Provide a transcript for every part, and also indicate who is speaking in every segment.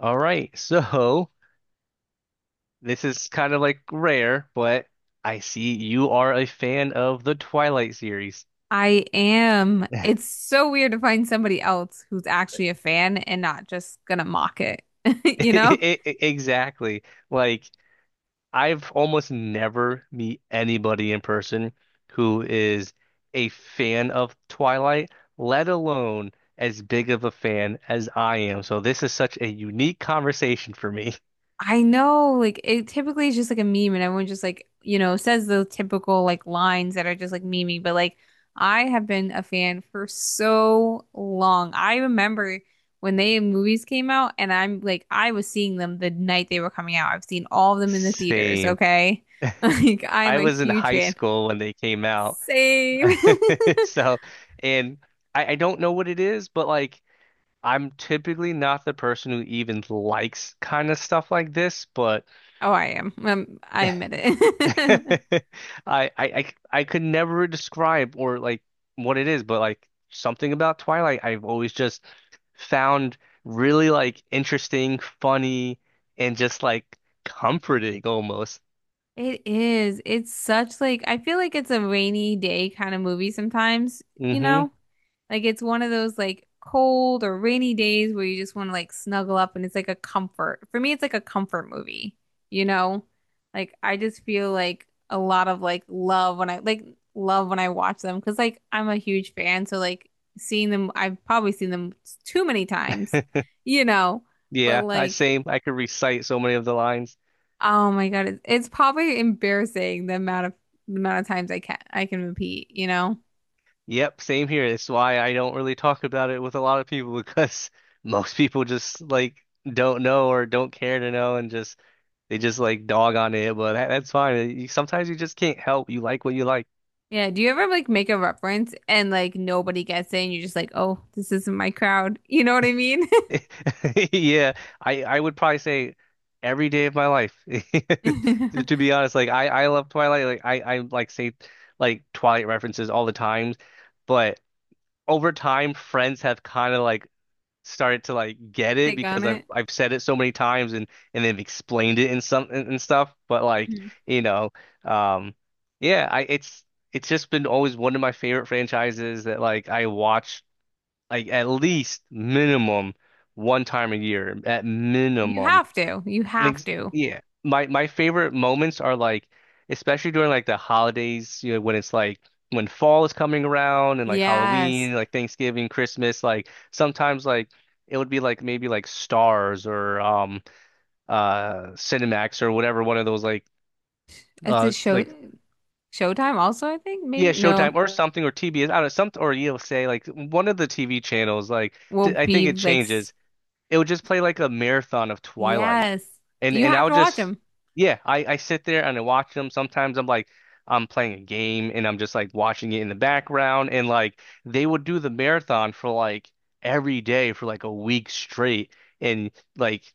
Speaker 1: All right. So this is kind of like rare, but I see you are a fan of the Twilight series.
Speaker 2: I am.
Speaker 1: I-
Speaker 2: It's so weird to find somebody else who's actually a fan and not just gonna mock it. You know?
Speaker 1: Exactly. Like I've almost never meet anybody in person who is a fan of Twilight, let alone as big of a fan as I am. So this is such a unique conversation for me.
Speaker 2: I know, like it typically is just like a meme and everyone just like, you know, says the typical like lines that are just like memey, but like I have been a fan for so long. I remember when they movies came out and I'm like I was seeing them the night they were coming out. I've seen all of them in the theaters,
Speaker 1: Same.
Speaker 2: okay? Like I'm
Speaker 1: I
Speaker 2: a
Speaker 1: was in
Speaker 2: huge
Speaker 1: high
Speaker 2: fan.
Speaker 1: school when they came out.
Speaker 2: Same.
Speaker 1: So, and I don't know what it is, but like I'm typically not the person who even likes kind of stuff like this, but
Speaker 2: Oh, I am. I admit
Speaker 1: I
Speaker 2: it.
Speaker 1: I could never describe or like what it is, but like something about Twilight I've always just found really like interesting, funny, and just like comforting almost.
Speaker 2: It is. It's such like I feel like it's a rainy day kind of movie sometimes, you
Speaker 1: Hmm.
Speaker 2: know? Like it's one of those like cold or rainy days where you just want to like snuggle up and it's like a comfort. For me, it's like a comfort movie, you know? Like I just feel like a lot of like love when I like love when I watch them because like I'm a huge fan, so like seeing them, I've probably seen them too many times, you know? But
Speaker 1: Yeah, I
Speaker 2: like
Speaker 1: same. I could recite so many of the lines.
Speaker 2: oh my God, it's probably embarrassing the amount of times I can repeat, you know?
Speaker 1: Yep, same here. It's why I don't really talk about it with a lot of people because most people just like don't know or don't care to know and just they just like dog on it. But that's fine. Sometimes you just can't help. You like what you like.
Speaker 2: Yeah, do you ever like make a reference and like nobody gets it and you're just like, "Oh, this isn't my crowd." You know what I mean?
Speaker 1: Yeah, I would probably say every day of my life. To be honest, like I love Twilight. Like I like say like Twilight references all the time, but over time, friends have kind of like started to like get it
Speaker 2: Take on
Speaker 1: because I've
Speaker 2: it.
Speaker 1: I've said it so many times and they've explained it in some and stuff. But like,
Speaker 2: Mhm.
Speaker 1: you know, um yeah, I it's just been always one of my favorite franchises that like I watch like at least minimum one time a year at
Speaker 2: You
Speaker 1: minimum.
Speaker 2: have to. You have
Speaker 1: Ex
Speaker 2: to.
Speaker 1: Yeah. My favorite moments are like especially during like the holidays, when it's like when fall is coming around and like
Speaker 2: Yes.
Speaker 1: Halloween, like Thanksgiving, Christmas, like sometimes like it would be like maybe like Stars or Cinemax or whatever one of those
Speaker 2: It's a show.
Speaker 1: like
Speaker 2: Showtime also, I think.
Speaker 1: yeah
Speaker 2: Maybe no.
Speaker 1: Showtime or something or TBS, I don't know, something or you'll say like one of the TV channels like
Speaker 2: Will
Speaker 1: I
Speaker 2: be
Speaker 1: think it
Speaker 2: like s-
Speaker 1: changes. It would just play like a marathon of Twilight.
Speaker 2: yes.
Speaker 1: And
Speaker 2: You
Speaker 1: and
Speaker 2: have
Speaker 1: I'll
Speaker 2: to watch
Speaker 1: just
Speaker 2: them.
Speaker 1: yeah, I sit there and I watch them. Sometimes I'm like I'm playing a game and I'm just like watching it in the background, and like they would do the marathon for like every day for like a week straight and like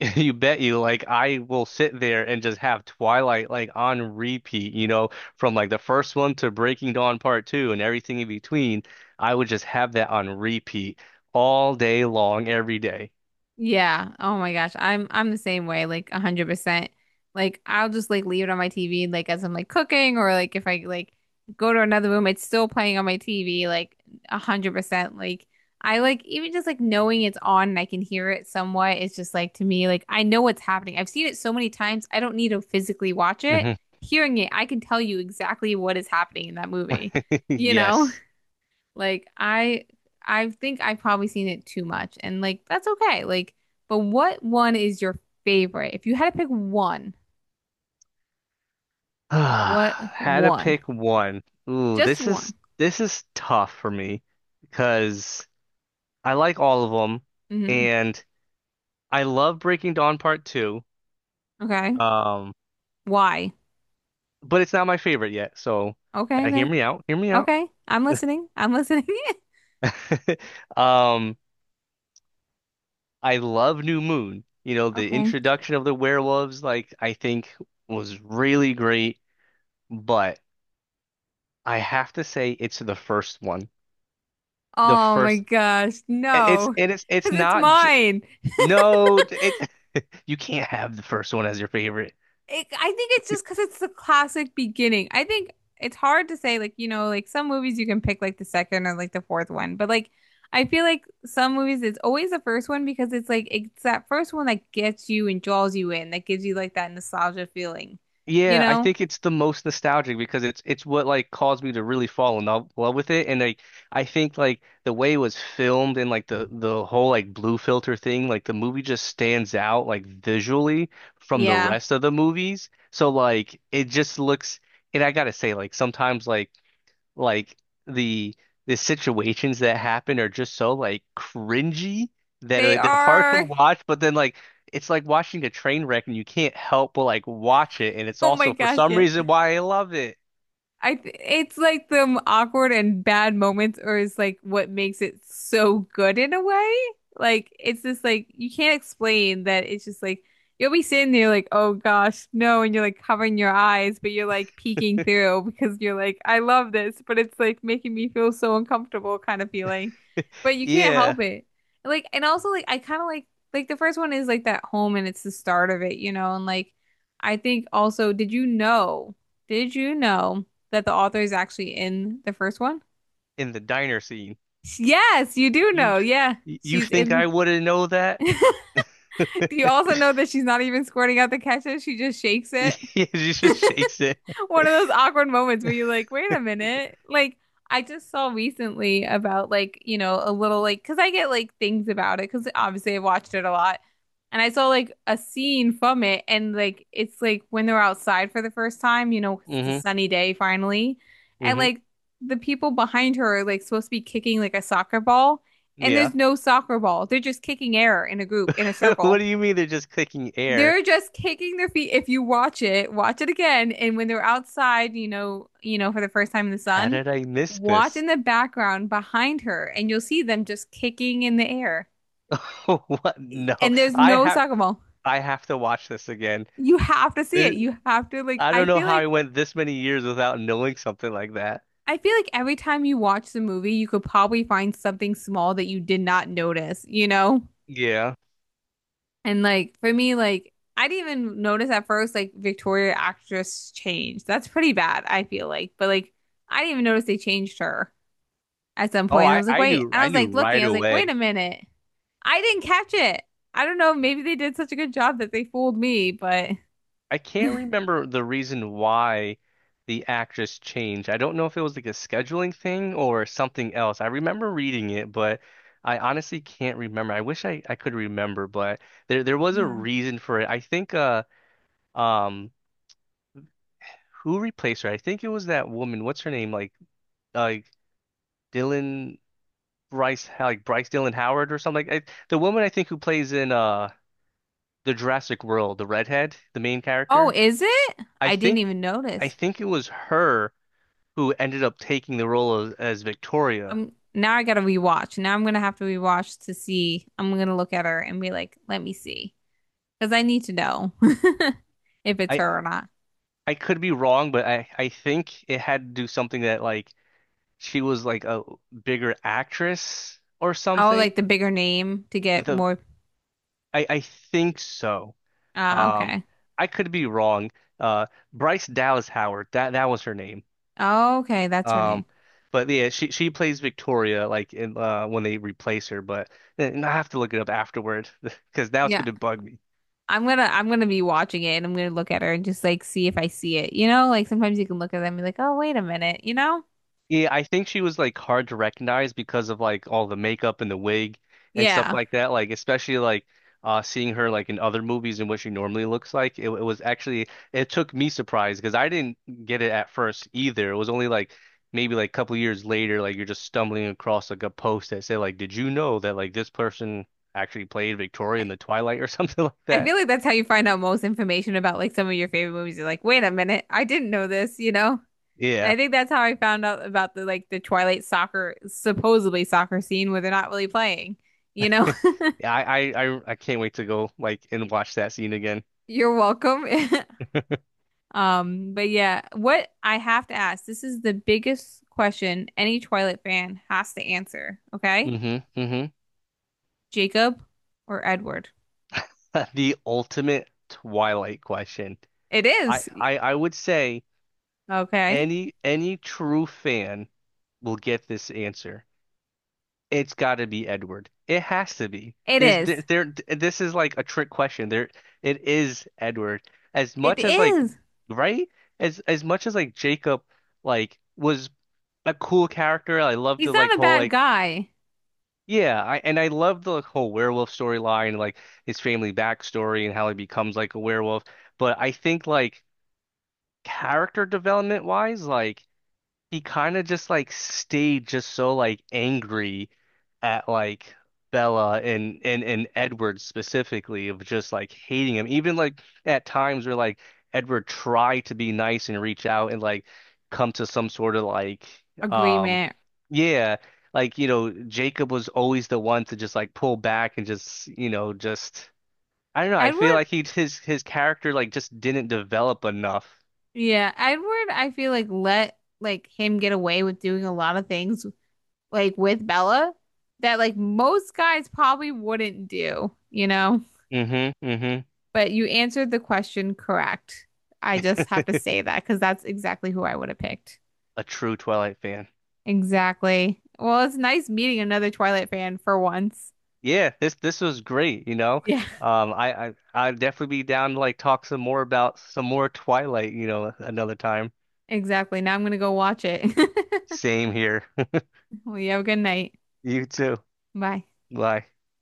Speaker 1: you bet you like I will sit there and just have Twilight like on repeat, you know, from like the first one to Breaking Dawn Part 2 and everything in between. I would just have that on repeat all day long every day.
Speaker 2: Yeah. Oh my gosh. I'm the same way, like 100%. Like I'll just like leave it on my TV like as I'm like cooking or like if I like go to another room, it's still playing on my TV like 100%. Like I like even just like knowing it's on and I can hear it somewhat, it's just like to me, like I know what's happening. I've seen it so many times, I don't need to physically watch it.
Speaker 1: Mhm.
Speaker 2: Hearing it, I can tell you exactly what is happening in that movie, you know?
Speaker 1: Yes.
Speaker 2: Like I think I've probably seen it too much and like that's okay. Like but what one is your favorite? If you had to pick one, what
Speaker 1: Had to
Speaker 2: one?
Speaker 1: pick one. Ooh,
Speaker 2: Just
Speaker 1: this
Speaker 2: one.
Speaker 1: is this is tough for me because I like all of them
Speaker 2: Hmm.
Speaker 1: and I love Breaking Dawn Part 2.
Speaker 2: Okay.
Speaker 1: Um,
Speaker 2: Why?
Speaker 1: but it's not my favorite yet, so
Speaker 2: Okay,
Speaker 1: gotta hear
Speaker 2: okay.
Speaker 1: me out. Hear me out.
Speaker 2: Okay. I'm listening. I'm listening.
Speaker 1: Um, I love New Moon. The
Speaker 2: Okay.
Speaker 1: introduction of the werewolves, like I think was really great, but I have to say it's the first one. The
Speaker 2: Oh my
Speaker 1: first
Speaker 2: gosh,
Speaker 1: it- It's
Speaker 2: no.
Speaker 1: it is it's
Speaker 2: Because it's
Speaker 1: not j-
Speaker 2: mine.
Speaker 1: no it's You can't have the first one as your favorite.
Speaker 2: It, I think it's just because it's the classic beginning. I think it's hard to say, like, you know, like some movies you can pick like the second or like the fourth one, but like I feel like some movies it's always the first one because it's like it's that first one that gets you and draws you in, that gives you like that nostalgia feeling, you
Speaker 1: Yeah, I
Speaker 2: know?
Speaker 1: think it's the most nostalgic because it's what like caused me to really fall in love with it. And like I think like the way it was filmed and like the whole like blue filter thing, like the movie just stands out like visually from the
Speaker 2: Yeah,
Speaker 1: rest of the movies. So like it just looks. And I gotta say like sometimes like the the situations that happen are just so like cringy that
Speaker 2: they
Speaker 1: like they're hard to
Speaker 2: are.
Speaker 1: watch, but then like it's like watching a train wreck and you can't help but like watch it, and it's
Speaker 2: Oh my
Speaker 1: also for
Speaker 2: gosh,
Speaker 1: some
Speaker 2: yes.
Speaker 1: reason why I love it.
Speaker 2: I th it's like the awkward and bad moments, or is like what makes it so good in a way. Like it's just like you can't explain that. It's just like you'll be sitting there like, oh gosh, no, and you're like covering your eyes, but you're like peeking through because you're like, I love this, but it's like making me feel so uncomfortable kind of feeling. But you can't
Speaker 1: Yeah,
Speaker 2: help it. Like and also like I kind of like the first one is like that home and it's the start of it, you know, and like I think also, did you know? Did you know that the author is actually in the first one?
Speaker 1: in the diner scene.
Speaker 2: Yes, you do
Speaker 1: You
Speaker 2: know. Yeah,
Speaker 1: you
Speaker 2: she's
Speaker 1: think I
Speaker 2: in.
Speaker 1: wouldn't know that?
Speaker 2: The- Do you also know that she's not even squirting out the ketchup? She just shakes it.
Speaker 1: Yeah, she just shakes it.
Speaker 2: One of those awkward moments where you're like, wait a minute. Like, I just saw recently about like, you know, a little like, because I get like things about it, because obviously I watched it a lot. And I saw like a scene from it, and like, it's like when they're outside for the first time, you know, 'cause it's a
Speaker 1: Hmm.
Speaker 2: sunny day finally. And
Speaker 1: Hmm.
Speaker 2: like, the people behind her are like supposed to be kicking like a soccer ball, and
Speaker 1: Yeah.
Speaker 2: there's no soccer ball. They're just kicking air in a group, in a
Speaker 1: What
Speaker 2: circle.
Speaker 1: do you mean they're just clicking air?
Speaker 2: They're just kicking their feet. If you watch it again. And when they're outside, you know, for the first time in the
Speaker 1: How
Speaker 2: sun,
Speaker 1: did I miss
Speaker 2: watch
Speaker 1: this?
Speaker 2: in the background behind her, and you'll see them just kicking in the air.
Speaker 1: What? No.
Speaker 2: And there's
Speaker 1: I
Speaker 2: no
Speaker 1: have
Speaker 2: soccer ball.
Speaker 1: I have to watch this again.
Speaker 2: You have to see
Speaker 1: This,
Speaker 2: it. You have to like.
Speaker 1: I don't know how I went this many years without knowing something like that.
Speaker 2: I feel like every time you watch the movie, you could probably find something small that you did not notice. You know?
Speaker 1: Yeah.
Speaker 2: And like for me, like I didn't even notice at first like Victoria actress changed. That's pretty bad, I feel like. But like I didn't even notice they changed her at some
Speaker 1: Oh,
Speaker 2: point. And I
Speaker 1: I
Speaker 2: was like,
Speaker 1: I
Speaker 2: wait.
Speaker 1: knew
Speaker 2: And I
Speaker 1: I
Speaker 2: was
Speaker 1: knew
Speaker 2: like looking,
Speaker 1: right
Speaker 2: I was like, wait
Speaker 1: away.
Speaker 2: a minute. I didn't catch it. I don't know. Maybe they did such a good job that they fooled me, but
Speaker 1: I can't remember the reason why the actress changed. I don't know if it was like a scheduling thing or something else. I remember reading it, but I honestly can't remember. I wish I could remember, but there was a
Speaker 2: yeah.
Speaker 1: reason for it. I think um who replaced her? I think it was that woman. What's her name? like Dylan Bryce like Bryce Dylan Howard or something. Like the woman I think who plays in the Jurassic World, the redhead, the main
Speaker 2: Oh,
Speaker 1: character.
Speaker 2: is it?
Speaker 1: I
Speaker 2: I didn't
Speaker 1: think
Speaker 2: even
Speaker 1: I
Speaker 2: notice.
Speaker 1: think it was her who ended up taking the role as Victoria.
Speaker 2: I'm now I gotta rewatch. Now I'm gonna have to rewatch to see. I'm gonna look at her and be like, let me see. Because I need to know if
Speaker 1: I,
Speaker 2: it's
Speaker 1: I
Speaker 2: her or not.
Speaker 1: I could be wrong, but I think it had to do something that like she was like a bigger actress or
Speaker 2: Oh,
Speaker 1: something.
Speaker 2: like the bigger name to get
Speaker 1: The
Speaker 2: more.
Speaker 1: I think so.
Speaker 2: Ah,
Speaker 1: Um,
Speaker 2: okay.
Speaker 1: I could be wrong. Uh, Bryce Dallas Howard. That was her name.
Speaker 2: Oh, okay, that's her name.
Speaker 1: Um. But yeah, she plays Victoria like in when they replace her, but and I have to look it up afterward because now it's
Speaker 2: Yeah.
Speaker 1: going to bug me.
Speaker 2: I'm gonna be watching it and I'm gonna look at her and just like see if I see it. You know, like sometimes you can look at them and be like, oh, wait a minute, you know?
Speaker 1: Yeah, I think she was like hard to recognize because of like all the makeup and the wig and stuff
Speaker 2: Yeah.
Speaker 1: like that. Like especially like seeing her like in other movies and what she normally looks like. It was actually it took me surprised because I didn't get it at first either. It was only like maybe like a couple years later, like you're just stumbling across like a post that said like, did you know that like this person actually played Victoria
Speaker 2: I,
Speaker 1: in the Twilight or something like
Speaker 2: I
Speaker 1: that?
Speaker 2: feel like that's how you find out most information about like some of your favorite movies. You're like, wait a minute, I didn't know this, you know? And
Speaker 1: Yeah.
Speaker 2: I think that's how I found out about the like the Twilight soccer supposedly soccer scene where they're not really playing. You know,
Speaker 1: Yeah, I can't wait to go like and watch that scene again.
Speaker 2: you're welcome. But yeah, what I have to ask, this is the biggest question any Twilight fan has to answer, okay?
Speaker 1: Hmm. Hmm.
Speaker 2: Jacob or Edward?
Speaker 1: The ultimate Twilight question.
Speaker 2: It
Speaker 1: I,
Speaker 2: is.
Speaker 1: I I would say
Speaker 2: Okay.
Speaker 1: any true fan will get this answer. It's got to be Edward. It has to be.
Speaker 2: It
Speaker 1: There's there,
Speaker 2: is.
Speaker 1: there This is like a trick question. There, it is Edward. As
Speaker 2: It
Speaker 1: much as like,
Speaker 2: is.
Speaker 1: right? As much as like Jacob like was a cool character. I love
Speaker 2: He's
Speaker 1: the like
Speaker 2: not a
Speaker 1: whole
Speaker 2: bad
Speaker 1: like
Speaker 2: guy.
Speaker 1: Yeah, and I love the like whole werewolf storyline, like his family backstory and how he becomes like a werewolf. But I think like character development wise, like he kind of just like stayed just so like angry at like Bella and and Edward specifically of just like hating him. Even like at times where like Edward tried to be nice and reach out and like come to some sort of like um
Speaker 2: Agreement.
Speaker 1: yeah like Jacob was always the one to just like pull back and just just I don't know, I feel
Speaker 2: Edward,
Speaker 1: like he his character like just didn't develop enough.
Speaker 2: yeah, Edward, I feel like let like him get away with doing a lot of things like with Bella that like most guys probably wouldn't do, you know?
Speaker 1: Hmm. Hmm.
Speaker 2: But you answered the question correct. I just have to say that because that's exactly who I would have picked.
Speaker 1: A true Twilight fan.
Speaker 2: Exactly. Well, it's nice meeting another Twilight fan for once.
Speaker 1: Yeah, this was great.
Speaker 2: Yeah,
Speaker 1: I'd definitely be down to like talk some more about some more Twilight, another time.
Speaker 2: exactly. Now I'm gonna go watch it.
Speaker 1: Same here.
Speaker 2: Well, you have a good night.
Speaker 1: You too.
Speaker 2: Bye.
Speaker 1: Bye.